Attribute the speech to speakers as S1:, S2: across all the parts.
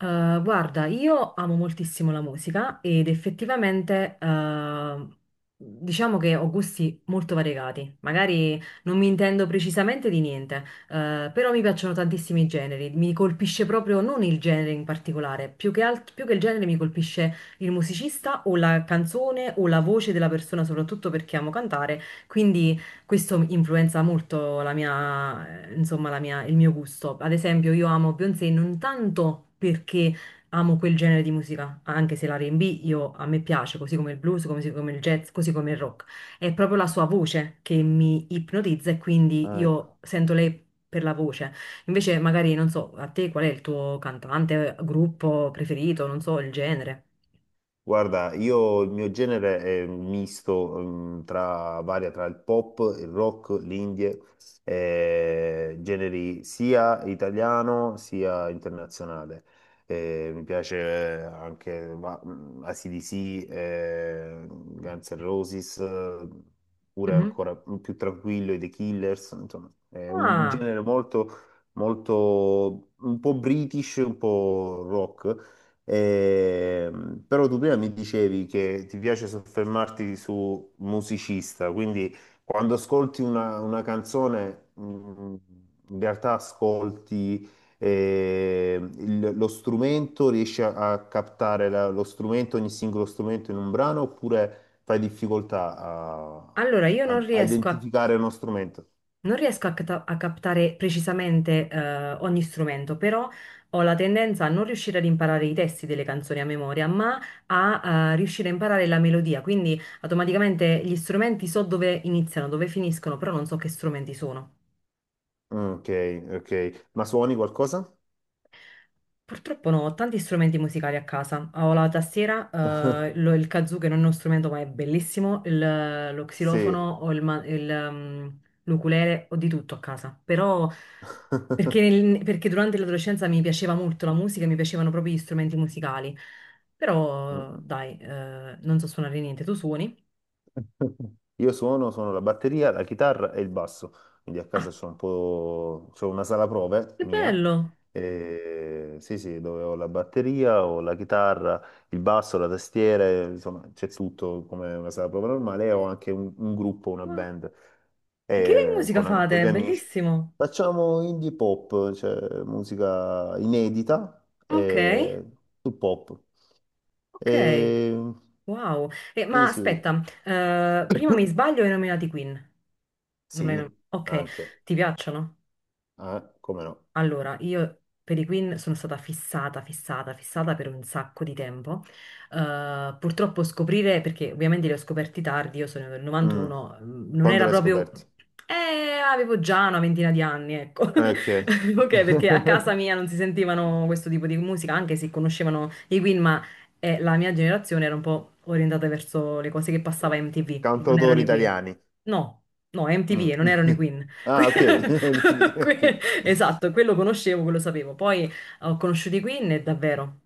S1: Guarda, io amo moltissimo la musica ed effettivamente diciamo che ho gusti molto variegati. Magari non mi intendo precisamente di niente, però mi piacciono tantissimi generi. Mi colpisce proprio non il genere in particolare, più che il genere mi colpisce il musicista o la canzone o la voce della persona, soprattutto perché amo cantare. Quindi questo influenza molto la mia, insomma, il mio gusto. Ad esempio, io amo Beyoncé non tanto perché amo quel genere di musica, anche se l'R&B a me piace, così come il blues, così come il jazz, così come il rock. È proprio la sua voce che mi ipnotizza e quindi
S2: Ah,
S1: io
S2: ecco.
S1: sento lei per la voce. Invece, magari, non so, a te qual è il tuo cantante, gruppo preferito, non so, il genere.
S2: Guarda, io il mio genere è un misto, varia tra il pop, il rock, l'indie, generi sia italiano sia internazionale. Mi piace anche AC/DC, Guns N' Roses, pure
S1: Mhm.
S2: ancora più tranquillo, i The Killers, insomma, è un
S1: Ah,
S2: genere molto molto un po' british, un po' rock. Però tu prima mi dicevi che ti piace soffermarti su musicista, quindi quando ascolti una canzone, in realtà ascolti lo strumento, riesci a captare lo strumento, ogni singolo strumento in un brano, oppure fai difficoltà
S1: allora io non
S2: a
S1: riesco a
S2: identificare uno strumento?
S1: non riesco a, a captare precisamente ogni strumento, però ho la tendenza a non riuscire ad imparare i testi delle canzoni a memoria, ma a riuscire a imparare la melodia. Quindi automaticamente gli strumenti so dove iniziano, dove finiscono, però non so che strumenti sono.
S2: Mm, ok, ok. Ma suoni qualcosa?
S1: Purtroppo no, ho tanti strumenti musicali a casa. Ho la tastiera, il kazoo, che non è uno strumento ma è bellissimo, lo xilofono,
S2: Sì.
S1: ho l'ukulele, ho di tutto a casa. Però perché, perché durante l'adolescenza mi piaceva molto la musica, mi piacevano proprio gli strumenti musicali. Però dai, non so suonare niente. Tu suoni?
S2: Io suono la batteria, la chitarra e il basso, quindi a casa
S1: Ah,
S2: c'ho una sala prove
S1: che
S2: mia,
S1: bello!
S2: sì sì, dove ho la batteria, ho la chitarra, il basso, la tastiera, insomma c'è tutto come una sala prove normale, e ho anche un gruppo, una
S1: Ah,
S2: band,
S1: e che musica
S2: con gli
S1: fate?
S2: amici.
S1: Bellissimo!
S2: Facciamo indie pop, cioè musica inedita,
S1: Ok,
S2: sul pop.
S1: ok.
S2: Eh,
S1: Wow!
S2: sì
S1: Ma
S2: sì,
S1: aspetta, prima mi sbaglio e hai nominato i Queen. Non hai
S2: sì,
S1: nom- Ok,
S2: anche.
S1: ti piacciono?
S2: Ah, come no?
S1: Allora, io per i Queen sono stata fissata, fissata, fissata per un sacco di tempo. Purtroppo scoprire, perché ovviamente li ho scoperti tardi, io sono del
S2: Mm.
S1: 91, mm, non
S2: Quando
S1: era
S2: l'hai
S1: proprio...
S2: scoperti?
S1: Avevo già una ventina di anni, ecco.
S2: Ok.
S1: Ok, perché a casa mia non si sentivano questo tipo di musica, anche se conoscevano i Queen, ma la mia generazione era un po' orientata verso le cose che passava a MTV, e non erano
S2: Cantautori
S1: i Queen.
S2: italiani.
S1: No, no, MTV
S2: Mm.
S1: e non erano i Queen. Que-
S2: Ah, ok. MTV, ok.
S1: Esatto, quello conoscevo, quello sapevo. Poi ho conosciuto i Queen e davvero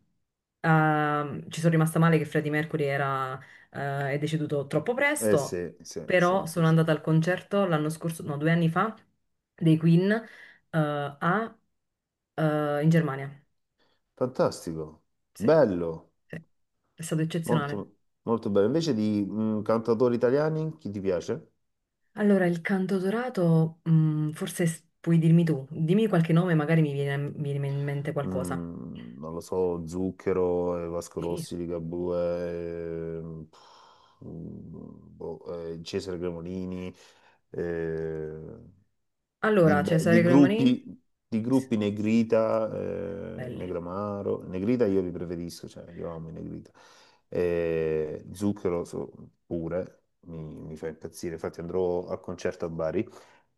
S1: ci sono rimasta male che Freddie Mercury era, è deceduto troppo
S2: Eh
S1: presto,
S2: sì, sì, sì,
S1: però
S2: sì,
S1: sono
S2: sì.
S1: andata al concerto l'anno scorso, no, 2 anni fa, dei Queen eh, a, in Germania.
S2: Fantastico.
S1: Sì,
S2: Bello.
S1: sì, è stato eccezionale.
S2: Molto, molto bello. Invece di cantautori italiani, chi ti piace?
S1: Allora, il canto dorato, mm, puoi dirmi tu, dimmi qualche nome, magari mi viene in mente qualcosa.
S2: Non lo so, Zucchero, Vasco
S1: Sì.
S2: Rossi, Ligabue, pff, mm, boh, Cesare Cremonini. Eh,
S1: Allora, Cesare Cremonini?
S2: di
S1: Sì,
S2: gruppi Negrita,
S1: belli,
S2: Negramaro. Negrita io li preferisco, cioè io amo i Negrita. Zucchero pure, mi fa impazzire, infatti andrò al concerto a Bari.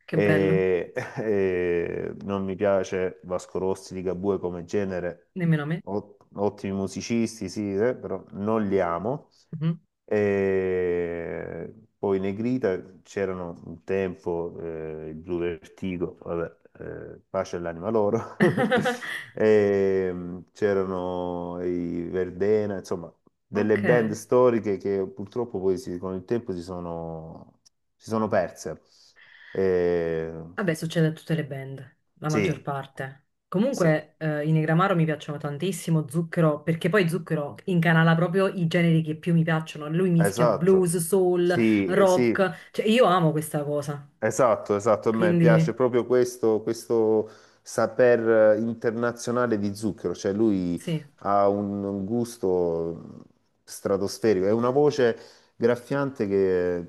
S1: che bello,
S2: E, e non mi piace Vasco Rossi, Ligabue come genere,
S1: nemmeno a me.
S2: Ottimi musicisti, sì, però non li amo.
S1: Mhm.
S2: E poi Negrita c'erano un tempo il Blu Vertigo, vabbè, pace all'anima loro. E, c'erano i Verdena, insomma, delle
S1: Ok,
S2: band storiche che purtroppo poi con il tempo si sono perse. E,
S1: vabbè, succede a tutte le band, la maggior
S2: sì,
S1: parte.
S2: sì,
S1: Comunque, i Negramaro mi piacciono tantissimo, Zucchero, perché poi Zucchero incanala proprio i generi che più mi piacciono. Lui mischia
S2: esatto.
S1: blues, soul,
S2: Sì, sì.
S1: rock, cioè io amo questa cosa.
S2: Esatto, esatto, a me
S1: Quindi,
S2: piace proprio questo saper internazionale di Zucchero, cioè lui
S1: sì.
S2: ha un gusto stratosferico, è una voce graffiante che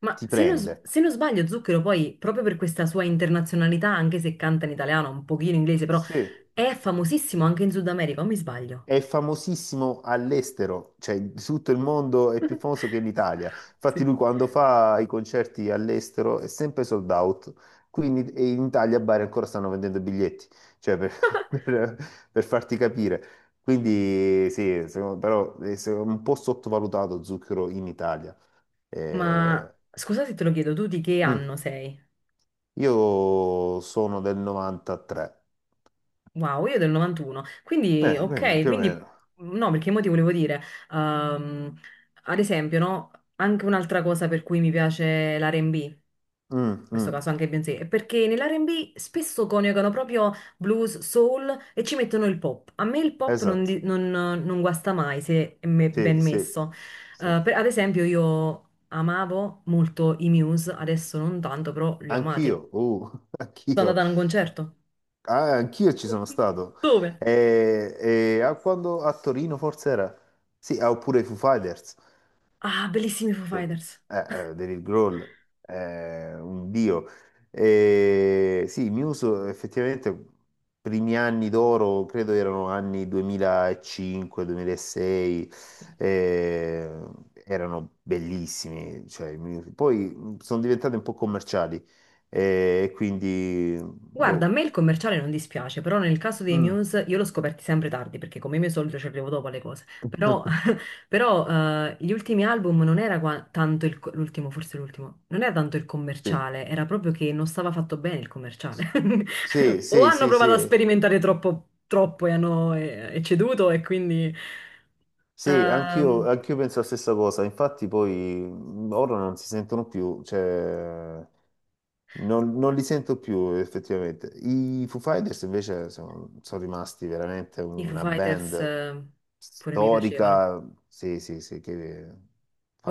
S1: Ma
S2: ti
S1: se non,
S2: prende.
S1: se non sbaglio, Zucchero poi, proprio per questa sua internazionalità, anche se canta in italiano, un pochino in inglese, però
S2: Sì.
S1: è famosissimo anche in Sud America, o mi sbaglio?
S2: È famosissimo all'estero, cioè in tutto il mondo è più famoso che in Italia. Infatti
S1: Sì.
S2: lui quando fa i concerti all'estero è sempre sold out, quindi e in Italia a Bari ancora stanno vendendo biglietti, cioè per, per- per farti capire. Quindi sì, però è un po' sottovalutato Zucchero in Italia. Eh,
S1: Ma scusa se te lo chiedo, tu di che
S2: mm.
S1: anno sei?
S2: Io sono del 93,
S1: Wow, io del 91. Quindi,
S2: quindi
S1: ok,
S2: più o
S1: quindi
S2: meno.
S1: no, perché mo ti volevo dire, ehm, ad esempio, no, anche un'altra cosa per cui mi piace l'R&B. In
S2: Mm,
S1: questo
S2: mm.
S1: caso anche Beyoncé, perché nell'R&B spesso coniugano proprio blues, soul e ci mettono il pop. A me il pop non,
S2: Esatto,
S1: non guasta mai se è ben
S2: sì, sì,
S1: messo.
S2: sì.
S1: Ad esempio io amavo molto i Muse, adesso non tanto, però li ho amati.
S2: Anch'io,
S1: Sono
S2: anch'io,
S1: andata a un concerto.
S2: Ah, anch'io ci sono stato.
S1: Dove?
S2: E, ah, quando a Torino forse era? Sì, ah, oppure i Foo Fighters.
S1: Ah, bellissimi Foo
S2: Eh,
S1: Fighters!
S2: David Grohl è un dio. Sì, Muse effettivamente primi anni d'oro, credo erano anni 2005-2006, erano bellissimi. Cioè, i Muse. Poi sono diventati un po' commerciali e quindi
S1: Guarda, a
S2: boh.
S1: me il commerciale non dispiace, però nel caso dei
S2: Mm.
S1: Muse io l'ho scoperti sempre tardi, perché come mio solito ci arrivo dopo alle cose. Però Però gli ultimi album non era tanto il, l'ultimo, forse l'ultimo, non era tanto il commerciale, era proprio che non stava fatto bene il commerciale.
S2: Sì,
S1: O
S2: sì,
S1: hanno
S2: sì, sì,
S1: provato a
S2: sì.
S1: sperimentare troppo, troppo e hanno e ceduto e quindi
S2: Sì,
S1: ehm,
S2: anch'io penso la stessa cosa, infatti poi ora non si sentono più, cioè non li sento più effettivamente. I Foo Fighters invece sono rimasti veramente
S1: i Foo
S2: una
S1: Fighters
S2: band
S1: pure mi piacevano.
S2: storica, sì, sì, sì, che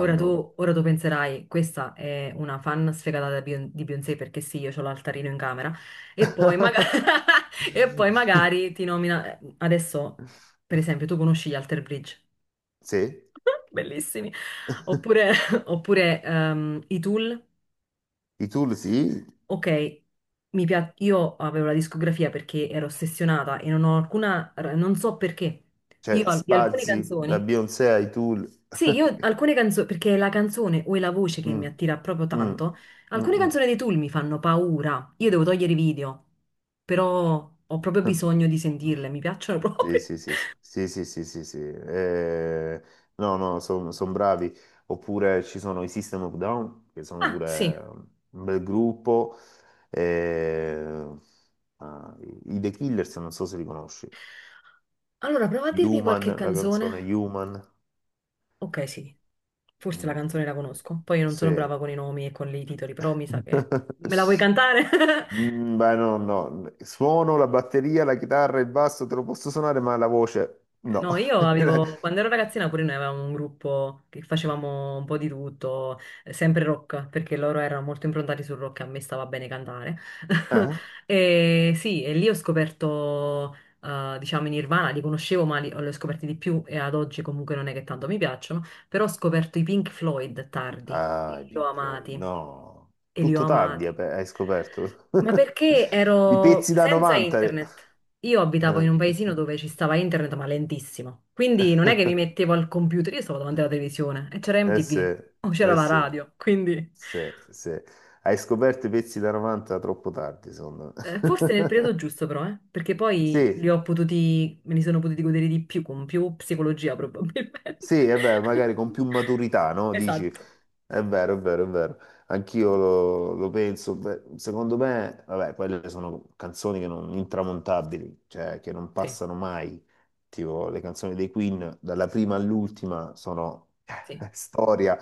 S1: Ora tu penserai, questa è una fan sfegata di Beyoncé, perché sì, io ho l'altarino in camera e poi, e poi magari ti nomina... Adesso, per esempio, tu conosci gli Alter Bridge,
S2: Sì,
S1: bellissimi, oppure, oppure i Tool,
S2: i Tool sì,
S1: ok, io avevo la discografia perché ero ossessionata e non ho alcuna... non so perché,
S2: cioè
S1: io di alcune
S2: spazi da
S1: canzoni...
S2: Beyoncé ai Tool.
S1: Sì, io alcune canzoni, perché è la canzone o è la voce che mi
S2: Mm,
S1: attira proprio
S2: mm,
S1: tanto, alcune
S2: mm,
S1: canzoni dei Tool mi fanno paura. Io devo togliere i video, però ho proprio
S2: mm.
S1: bisogno di sentirle, mi piacciono
S2: Sì,
S1: proprio.
S2: sì, sì, sì, sì, sì, sì, sì, sì. No, no, sono bravi. Oppure ci sono i System of Down, che sono
S1: Ah, sì.
S2: pure un bel gruppo. Eh, ah, i The Killers, non so se li conosci.
S1: Allora, prova a dirmi
S2: Human,
S1: qualche
S2: la canzone
S1: canzone.
S2: Human.
S1: Ok, sì, forse la
S2: Mm,
S1: canzone la
S2: eh,
S1: conosco. Poi io non sono
S2: Sì.
S1: brava con i nomi e con i titoli, però mi sa che... Me la vuoi cantare?
S2: Mm, beh, no, no. Suono la batteria, la chitarra, il basso, te lo posso suonare, ma la voce
S1: Ok,
S2: no.
S1: no, io avevo, quando ero ragazzina pure noi avevamo un gruppo che facevamo un po' di tutto, sempre rock, perché loro erano molto improntati sul rock e a me stava bene cantare.
S2: Eh?
S1: E sì, e lì ho scoperto, diciamo, i Nirvana, li conoscevo ma li ho scoperti di più e ad oggi comunque non è che tanto mi piacciono, però ho scoperto i Pink Floyd tardi, e
S2: Ah, i
S1: li ho
S2: Pink Floyd.
S1: amati,
S2: No,
S1: e li ho
S2: tutto tardi
S1: amati.
S2: hai hai scoperto.
S1: Ma perché
S2: I
S1: ero
S2: pezzi da
S1: senza
S2: 90.
S1: internet? Io abitavo in un paesino dove ci stava internet, ma lentissimo. Quindi non è che mi mettevo al computer, io stavo davanti alla televisione e c'era
S2: Sì,
S1: MTV o c'era
S2: eh
S1: la
S2: sì,
S1: radio. Quindi
S2: sì, sì. Hai scoperto i pezzi da 90 troppo tardi, secondo
S1: forse nel periodo
S2: me.
S1: giusto, però, perché poi
S2: Sì,
S1: me li sono potuti godere di più, con più psicologia probabilmente.
S2: sì, è vero, magari con più maturità, no? Dici,
S1: Esatto.
S2: è vero, è vero, è vero. Anch'io lo penso. Beh, secondo me, vabbè, quelle sono canzoni che non, intramontabili, cioè che non
S1: Sì,
S2: passano mai. Tipo, le canzoni dei Queen, dalla prima all'ultima, sono
S1: sì.
S2: storia.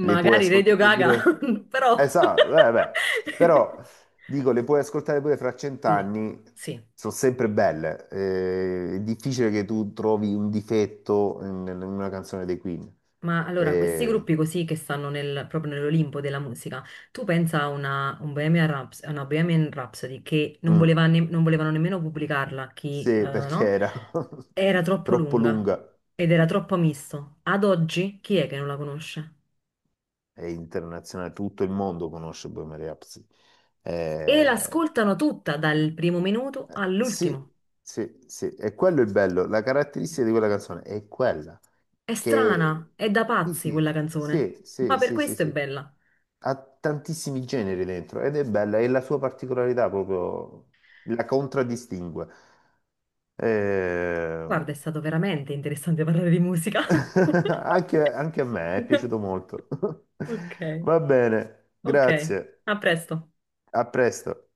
S2: Le puoi
S1: Radio
S2: ascoltare
S1: Gaga,
S2: pure.
S1: però.
S2: Esatto, beh. Però dico, le puoi ascoltare pure fra
S1: Sì,
S2: cent'anni,
S1: sì.
S2: sono sempre belle. È difficile che tu trovi un difetto in una canzone dei Queen.
S1: Ma allora, questi
S2: Eh,
S1: gruppi così che stanno proprio nell'Olimpo della musica, tu pensa a una, a una Bohemian Rhapsody che non
S2: mm,
S1: voleva non volevano nemmeno pubblicarla, chi,
S2: sì, perché
S1: no?
S2: era
S1: Era troppo
S2: troppo
S1: lunga
S2: lunga.
S1: ed era troppo misto. Ad oggi chi è che non la conosce?
S2: È internazionale, tutto il mondo conosce Bohemian Rhapsody.
S1: E
S2: Eh,
S1: l'ascoltano tutta dal primo minuto
S2: eh, sì,
S1: all'ultimo.
S2: sì, sì, e quello è il bello. La caratteristica di quella canzone è quella.
S1: È
S2: Che.
S1: strana, è da
S2: Sì,
S1: pazzi quella
S2: sì,
S1: canzone,
S2: sì,
S1: ma
S2: sì,
S1: per
S2: sì, sì,
S1: questo è
S2: sì.
S1: bella.
S2: Ha tantissimi generi dentro ed è bella, è la sua particolarità proprio, la contraddistingue. Eh,
S1: Guarda, è stato veramente interessante parlare di musica.
S2: Anche a me è piaciuto molto.
S1: Ok.
S2: Va bene,
S1: Ok,
S2: grazie,
S1: a presto.
S2: a presto.